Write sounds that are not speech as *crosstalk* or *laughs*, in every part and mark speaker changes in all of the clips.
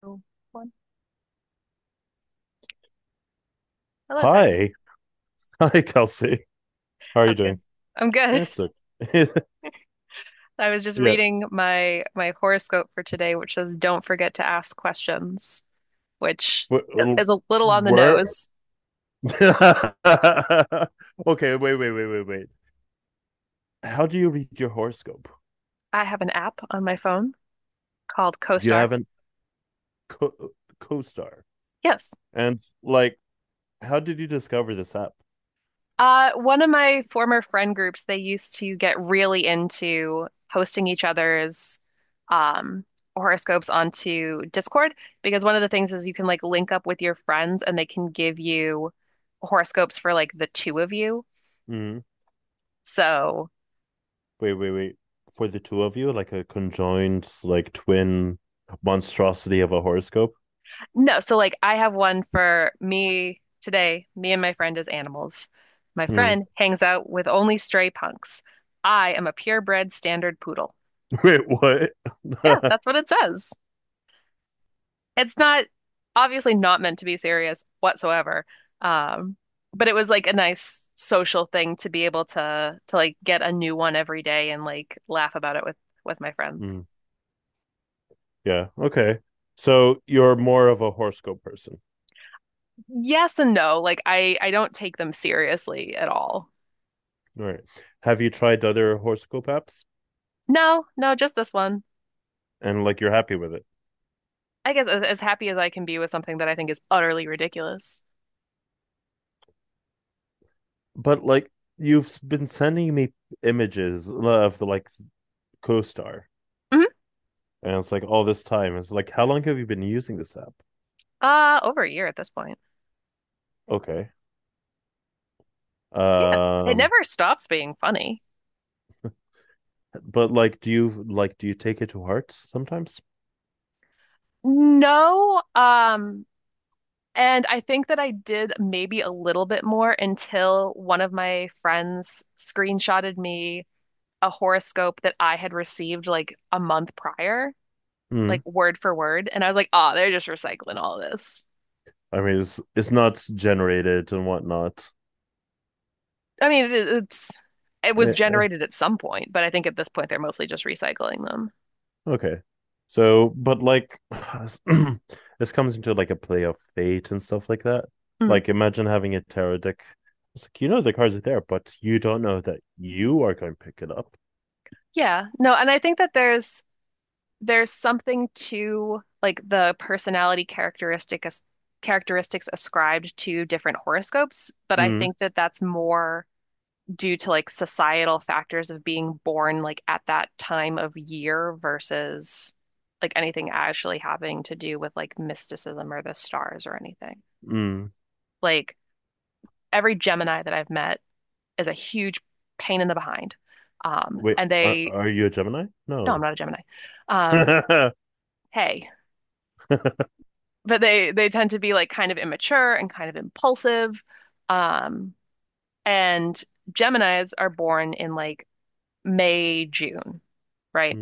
Speaker 1: Two, one. Hello, Zachary.
Speaker 2: Hi. *laughs* Hi, Kelsey. How are you
Speaker 1: How's it going?
Speaker 2: doing?
Speaker 1: I'm good.
Speaker 2: That's okay. *laughs*
Speaker 1: *laughs* I was just
Speaker 2: yeah.
Speaker 1: reading my horoscope for today, which says don't forget to ask questions, which
Speaker 2: Wh-
Speaker 1: is a little on the
Speaker 2: Where?
Speaker 1: nose.
Speaker 2: *laughs* okay, wait. How do you read your horoscope?
Speaker 1: I have an app on my phone called
Speaker 2: You
Speaker 1: CoStar.
Speaker 2: haven't co- co-star.
Speaker 1: Yes.
Speaker 2: And like, how did you discover this app?
Speaker 1: One of my former friend groups, they used to get really into posting each other's um, horoscopes onto Discord because one of the things is you can like link up with your friends and they can give you horoscopes for like the two of you.
Speaker 2: Hmm
Speaker 1: So,
Speaker 2: Wait. For the two of you, like a conjoined, like twin monstrosity of a horoscope?
Speaker 1: no, so like I have one for me today. Me and my friend as animals. My
Speaker 2: Mm.
Speaker 1: friend hangs out with only stray punks. I am a purebred standard poodle.
Speaker 2: *laughs* Wait,
Speaker 1: Yeah,
Speaker 2: what?
Speaker 1: that's
Speaker 2: *laughs*
Speaker 1: what it says. It's not obviously not meant to be serious whatsoever. Um, but it was like a nice social thing to be able to like get a new one every day and like laugh about it with my friends.
Speaker 2: Mm, yeah, okay. So you're more of a horoscope person.
Speaker 1: Yes and no. Like I don't take them seriously at all.
Speaker 2: All right. Have you tried other horoscope apps
Speaker 1: No, no, just this one.
Speaker 2: and like you're happy with it?
Speaker 1: I guess as happy as I can be with something that I think is utterly ridiculous.
Speaker 2: But like you've been sending me images of the like CoStar,
Speaker 1: Mhm.
Speaker 2: and it's like all this time. It's like how long have you been using this app?
Speaker 1: Over a year at this point.
Speaker 2: Okay.
Speaker 1: Yeah. It
Speaker 2: Um,
Speaker 1: never stops being funny.
Speaker 2: but like, do you take it to heart sometimes?
Speaker 1: No, and I think that I did maybe a little bit more until one of my friends screenshotted me a horoscope that I had received like a month prior,
Speaker 2: Hmm.
Speaker 1: like word for word, and I was like, ah, they're just recycling all this."
Speaker 2: I mean, it's not generated and whatnot.
Speaker 1: I mean, it's it was
Speaker 2: Eh, eh.
Speaker 1: generated at some point, but I think at this point they're mostly just recycling them.
Speaker 2: Okay. So, but like, *sighs* *clears throat* this comes into like a play of fate and stuff like that.
Speaker 1: Mhm.
Speaker 2: Like, imagine having a tarot deck. It's like, you know, the cards are there, but you don't know that you are going to pick it up.
Speaker 1: Yeah, no, and I think that there's something to like the personality characteristic as characteristics ascribed to different horoscopes, but I
Speaker 2: Mm,
Speaker 1: think that that's more due to like societal factors of being born like at that time of year versus like anything actually having to do with like mysticism or the stars or anything.
Speaker 2: mm.
Speaker 1: Like every Gemini that I've met is a huge pain in the behind. Um,
Speaker 2: Wait,
Speaker 1: and
Speaker 2: are,
Speaker 1: they,
Speaker 2: are you a Gemini?
Speaker 1: no, I'm
Speaker 2: No.
Speaker 1: not a Gemini.
Speaker 2: *laughs*
Speaker 1: Um,
Speaker 2: mm,
Speaker 1: Hey. But they tend to be like kind of immature and kind of impulsive. Um, and Geminis are born in like May, June, right?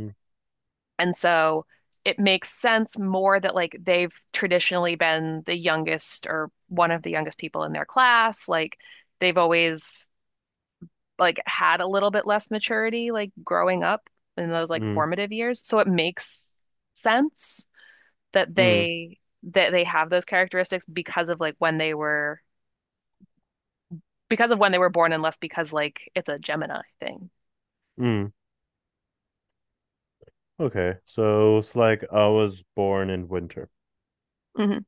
Speaker 1: And so it makes sense more that like they've traditionally been the youngest or one of the youngest people in their class. Like they've always like had a little bit less maturity like growing up in those like
Speaker 2: mm,
Speaker 1: formative years. So it makes sense that
Speaker 2: mm,
Speaker 1: they have those characteristics because of like when they were because of when they were born and less because like it's a Gemini thing.
Speaker 2: mm. Okay. So it's like I was born in winter.
Speaker 1: hmm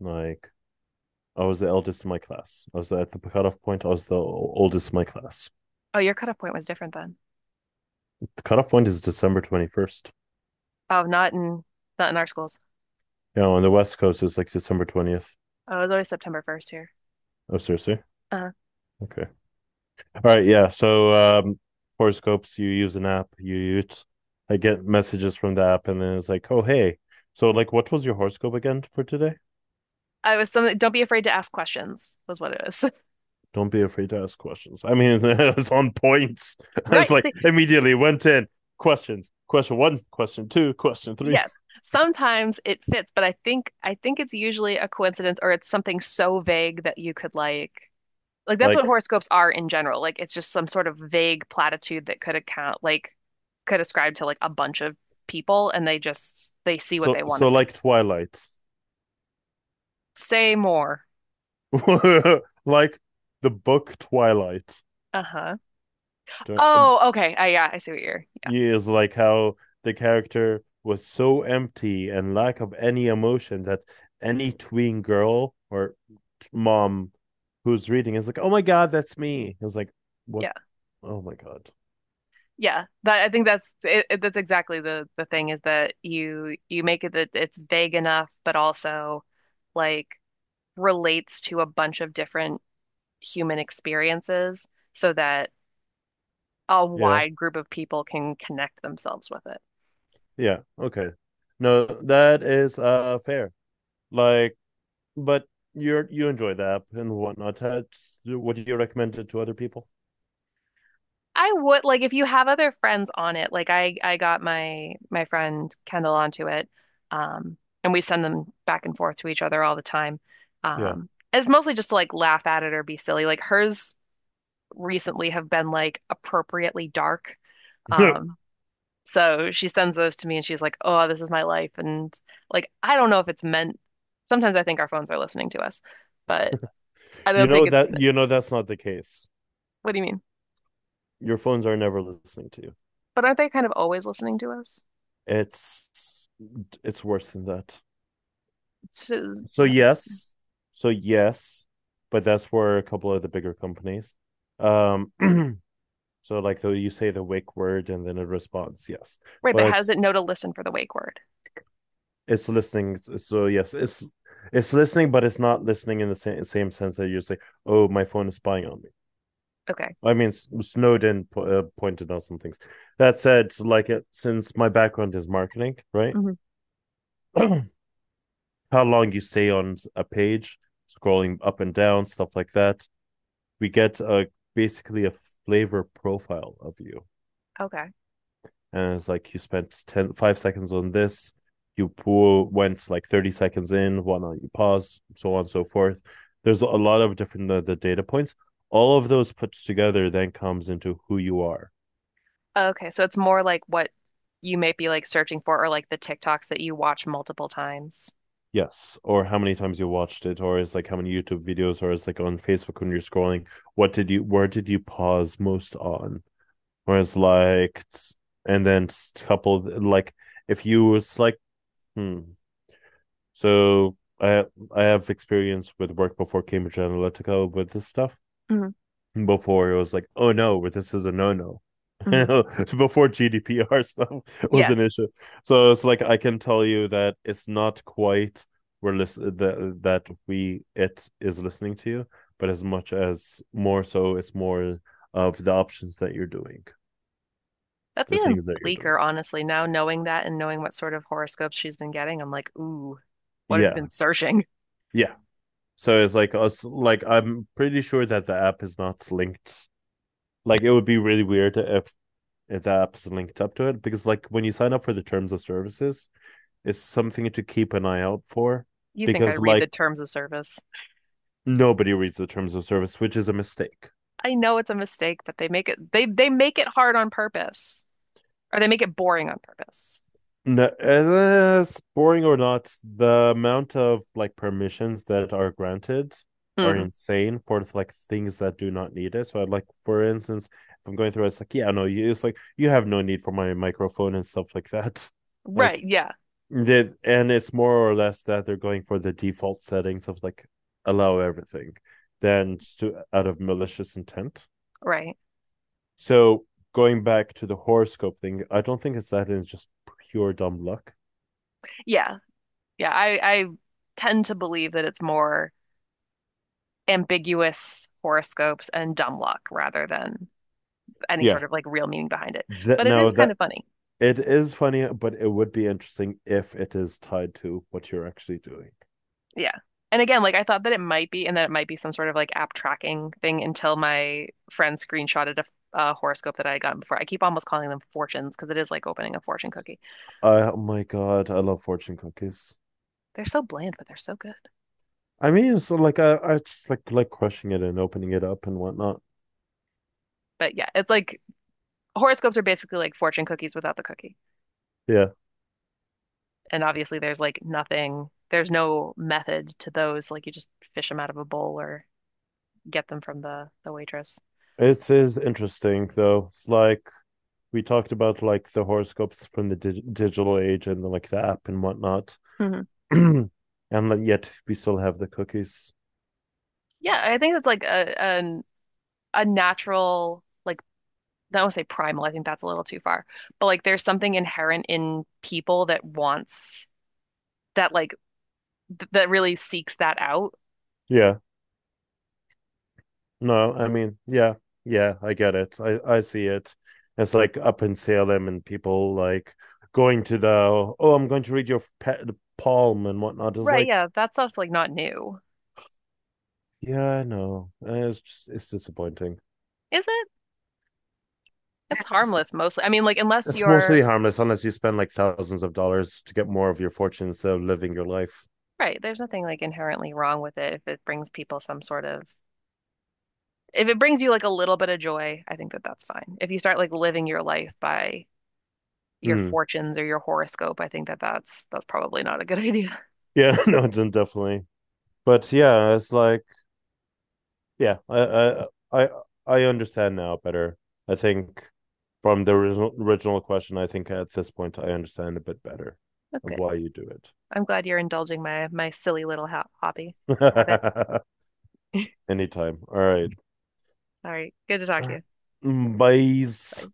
Speaker 2: Like, I was the eldest in my class. I was at the cutoff point. I was the oldest in my class.
Speaker 1: Oh, your cutoff point was different then.
Speaker 2: The cutoff point is December 21st.
Speaker 1: Oh, not in our schools.
Speaker 2: Yeah, on the West Coast it's like December 20th.
Speaker 1: Oh, it was always September 1st here.
Speaker 2: Oh, seriously?
Speaker 1: Uh,
Speaker 2: Okay. All right. Yeah. So horoscopes. You use an app. You use. I get messages from the app, and then it's like, oh hey. So like, what was your horoscope again for today?
Speaker 1: I was something. Don't be afraid to ask questions was what it was. *laughs*
Speaker 2: Don't be afraid to ask questions. I mean, *laughs* it's on points. *laughs* it's
Speaker 1: Right.
Speaker 2: like
Speaker 1: See,
Speaker 2: immediately went in questions. Question one, question two, question three. *laughs*
Speaker 1: yes. Sometimes it fits, but I think it's usually a coincidence or it's something so vague that you could like. Like that's what
Speaker 2: Like
Speaker 1: horoscopes are in general. Like it's just some sort of vague platitude that could account like could ascribe to like a bunch of people and they just they see what
Speaker 2: so,
Speaker 1: they want to
Speaker 2: so
Speaker 1: see.
Speaker 2: like Twilight,
Speaker 1: Say more.
Speaker 2: *laughs* like the book Twilight.
Speaker 1: Uh-huh. Oh, okay. I yeah, I see what you're. Yeah.
Speaker 2: Years, like how the character was so empty and lack of any emotion that any tween girl or mom who's reading is like, oh my god, that's me. It's like, what?
Speaker 1: Yeah.
Speaker 2: Oh my god.
Speaker 1: Yeah. That I think that's that's exactly the thing is that you make it that it's vague enough but also like relates to a bunch of different human experiences so that a
Speaker 2: Yeah,
Speaker 1: wide group of people can connect themselves with it.
Speaker 2: yeah, okay. No, that is fair. Like, but you enjoy the app and whatnot. That's- Would you recommend it to other people?
Speaker 1: I would like if you have other friends on it. Like I got my friend Kendall onto it. Um and we send them back and forth to each other all the time.
Speaker 2: Yeah.
Speaker 1: And it's mostly just to like laugh at it or be silly. Like hers recently have been like appropriately dark. Um
Speaker 2: *laughs*
Speaker 1: so she sends those to me and she's like, "Oh, this is my life." And like I don't know if it's meant sometimes I think our phones are listening to us, but I
Speaker 2: you
Speaker 1: don't think
Speaker 2: know
Speaker 1: it's
Speaker 2: that
Speaker 1: meant.
Speaker 2: you know that's not the case.
Speaker 1: What do you mean?
Speaker 2: Your phones are never listening to you.
Speaker 1: But aren't they kind of always listening to us?
Speaker 2: It's it's worse than that.
Speaker 1: It's-
Speaker 2: So yes, so yes, but that's where a couple of the bigger companies. Um, *clears throat* so like though you say the wake word and then it responds yes,
Speaker 1: Right, but
Speaker 2: but
Speaker 1: how does it know to listen for the wake word?
Speaker 2: it's listening. So yes, it's listening, but it's not listening in the same sense that you say, "Oh, my phone is spying on me."
Speaker 1: Okay.
Speaker 2: I mean, Snowden pointed out some things. That said, like it, since my background is marketing, right?
Speaker 1: hmm
Speaker 2: *clears throat* how long you stay on a page, scrolling up and down, stuff like that. We get a basically a flavor profile of you,
Speaker 1: Okay.
Speaker 2: and it's like you spent 10 5 seconds on this. You pull, went like 30 seconds in, whatnot. You pause, so on and so forth. There's a lot of different the data points. All of those put together then comes into who you are.
Speaker 1: Okay. So it's more like what you might be like searching for or like the TikToks that you watch multiple times.
Speaker 2: Yes, or how many times you watched it, or it's like how many YouTube videos, or it's like on Facebook when you're scrolling, where did you pause most on? Whereas like, and then coupled like if you was like, hmm. So I have experience with work before Cambridge Analytica with this stuff.
Speaker 1: hmm
Speaker 2: Before it was like, oh no, this is a no no.
Speaker 1: hmm
Speaker 2: *laughs* before GDPR stuff was
Speaker 1: Yeah.
Speaker 2: an issue. So it's like I can tell you that it's not quite we're listen that that we it is listening to you, but as much as more so, it's more of the options that you're doing,
Speaker 1: That's
Speaker 2: the
Speaker 1: even
Speaker 2: things that you're doing.
Speaker 1: bleaker, honestly. Now knowing that and knowing what sort of horoscopes she's been getting, I'm like, ooh, what have you
Speaker 2: Yeah.
Speaker 1: been searching? *laughs*
Speaker 2: Yeah, so it's like us like I'm pretty sure that the app is not linked. Like it would be really weird if the app is linked up to it because like when you sign up for the terms of services, it's something to keep an eye out for
Speaker 1: You think I
Speaker 2: because
Speaker 1: read the
Speaker 2: like
Speaker 1: terms of service.
Speaker 2: nobody reads the terms of service, which is a mistake.
Speaker 1: I know it's a mistake, but they make it hard on purpose. Or they make it boring on purpose.
Speaker 2: No, as boring or not, the amount of like permissions that are granted are
Speaker 1: Mm.
Speaker 2: insane for like things that do not need it. So I'd like, for instance, if I'm going through, it's like, yeah, no, you, it's like you have no need for my microphone and stuff like that. *laughs*
Speaker 1: Right,
Speaker 2: Like,
Speaker 1: yeah.
Speaker 2: they, and it's more or less that they're going for the default settings of like allow everything, than to out of malicious intent.
Speaker 1: Right.
Speaker 2: So going back to the horoscope thing, I don't think it's that. It's just pure dumb luck.
Speaker 1: Yeah. Yeah, I tend to believe that it's more ambiguous horoscopes and dumb luck rather than any
Speaker 2: Yeah,
Speaker 1: sort of like real meaning behind it.
Speaker 2: that
Speaker 1: But it is
Speaker 2: no,
Speaker 1: kind
Speaker 2: that
Speaker 1: of funny.
Speaker 2: it is funny, but it would be interesting if it is tied to what you're actually doing.
Speaker 1: Yeah. And again, like I thought that it might be, and that it might be some sort of like app tracking thing until my friend screenshotted a horoscope that I had gotten before. I keep almost calling them fortunes because it is like opening a fortune cookie.
Speaker 2: Oh my god, I love fortune cookies.
Speaker 1: They're so bland, but they're so good.
Speaker 2: I mean, so like I just like crushing it and opening it up and whatnot.
Speaker 1: But yeah, it's like horoscopes are basically like fortune cookies without the cookie.
Speaker 2: Yeah,
Speaker 1: And obviously there's like nothing, there's no method to those. Like you just fish them out of a bowl or get them from the waitress.
Speaker 2: it is interesting though. It's like we talked about like the horoscopes from the digital age and like the app and whatnot,
Speaker 1: hmm
Speaker 2: *clears throat* and like, yet we still have the cookies.
Speaker 1: Yeah, I think that's like a natural like I don't want to say primal. I think that's a little too far. But like there's something inherent in people that wants that like th that really seeks that out.
Speaker 2: Yeah, no, I mean, yeah, yeah, I get it. I see it. It's like up in Salem and people like going to the oh, I'm going to read your pet palm and whatnot. It's
Speaker 1: Right,
Speaker 2: like,
Speaker 1: yeah, that stuff's like not new.
Speaker 2: yeah, I know. It's just, it's disappointing.
Speaker 1: Is it? It's harmless mostly. I mean, like unless
Speaker 2: It's
Speaker 1: you're
Speaker 2: mostly harmless unless you spend like thousands of dollars to get more of your fortune instead of living your life.
Speaker 1: right, there's nothing like inherently wrong with it if it brings people some sort of. If it brings you like a little bit of joy, I think that that's fine. If you start like living your life by your
Speaker 2: Hmm.
Speaker 1: fortunes or your horoscope, I think that that's probably not a good idea. *laughs*
Speaker 2: Yeah, *laughs* no, definitely. But yeah, it's like yeah, I I, I understand now better. I think from the original question, I think at this point I understand a bit better
Speaker 1: But
Speaker 2: of
Speaker 1: good.
Speaker 2: why you do it.
Speaker 1: I'm glad you're indulging my my silly little ha hobby habit.
Speaker 2: *laughs* Anytime. All
Speaker 1: All right. Good to talk to
Speaker 2: right.
Speaker 1: you.
Speaker 2: Bye.
Speaker 1: Bye.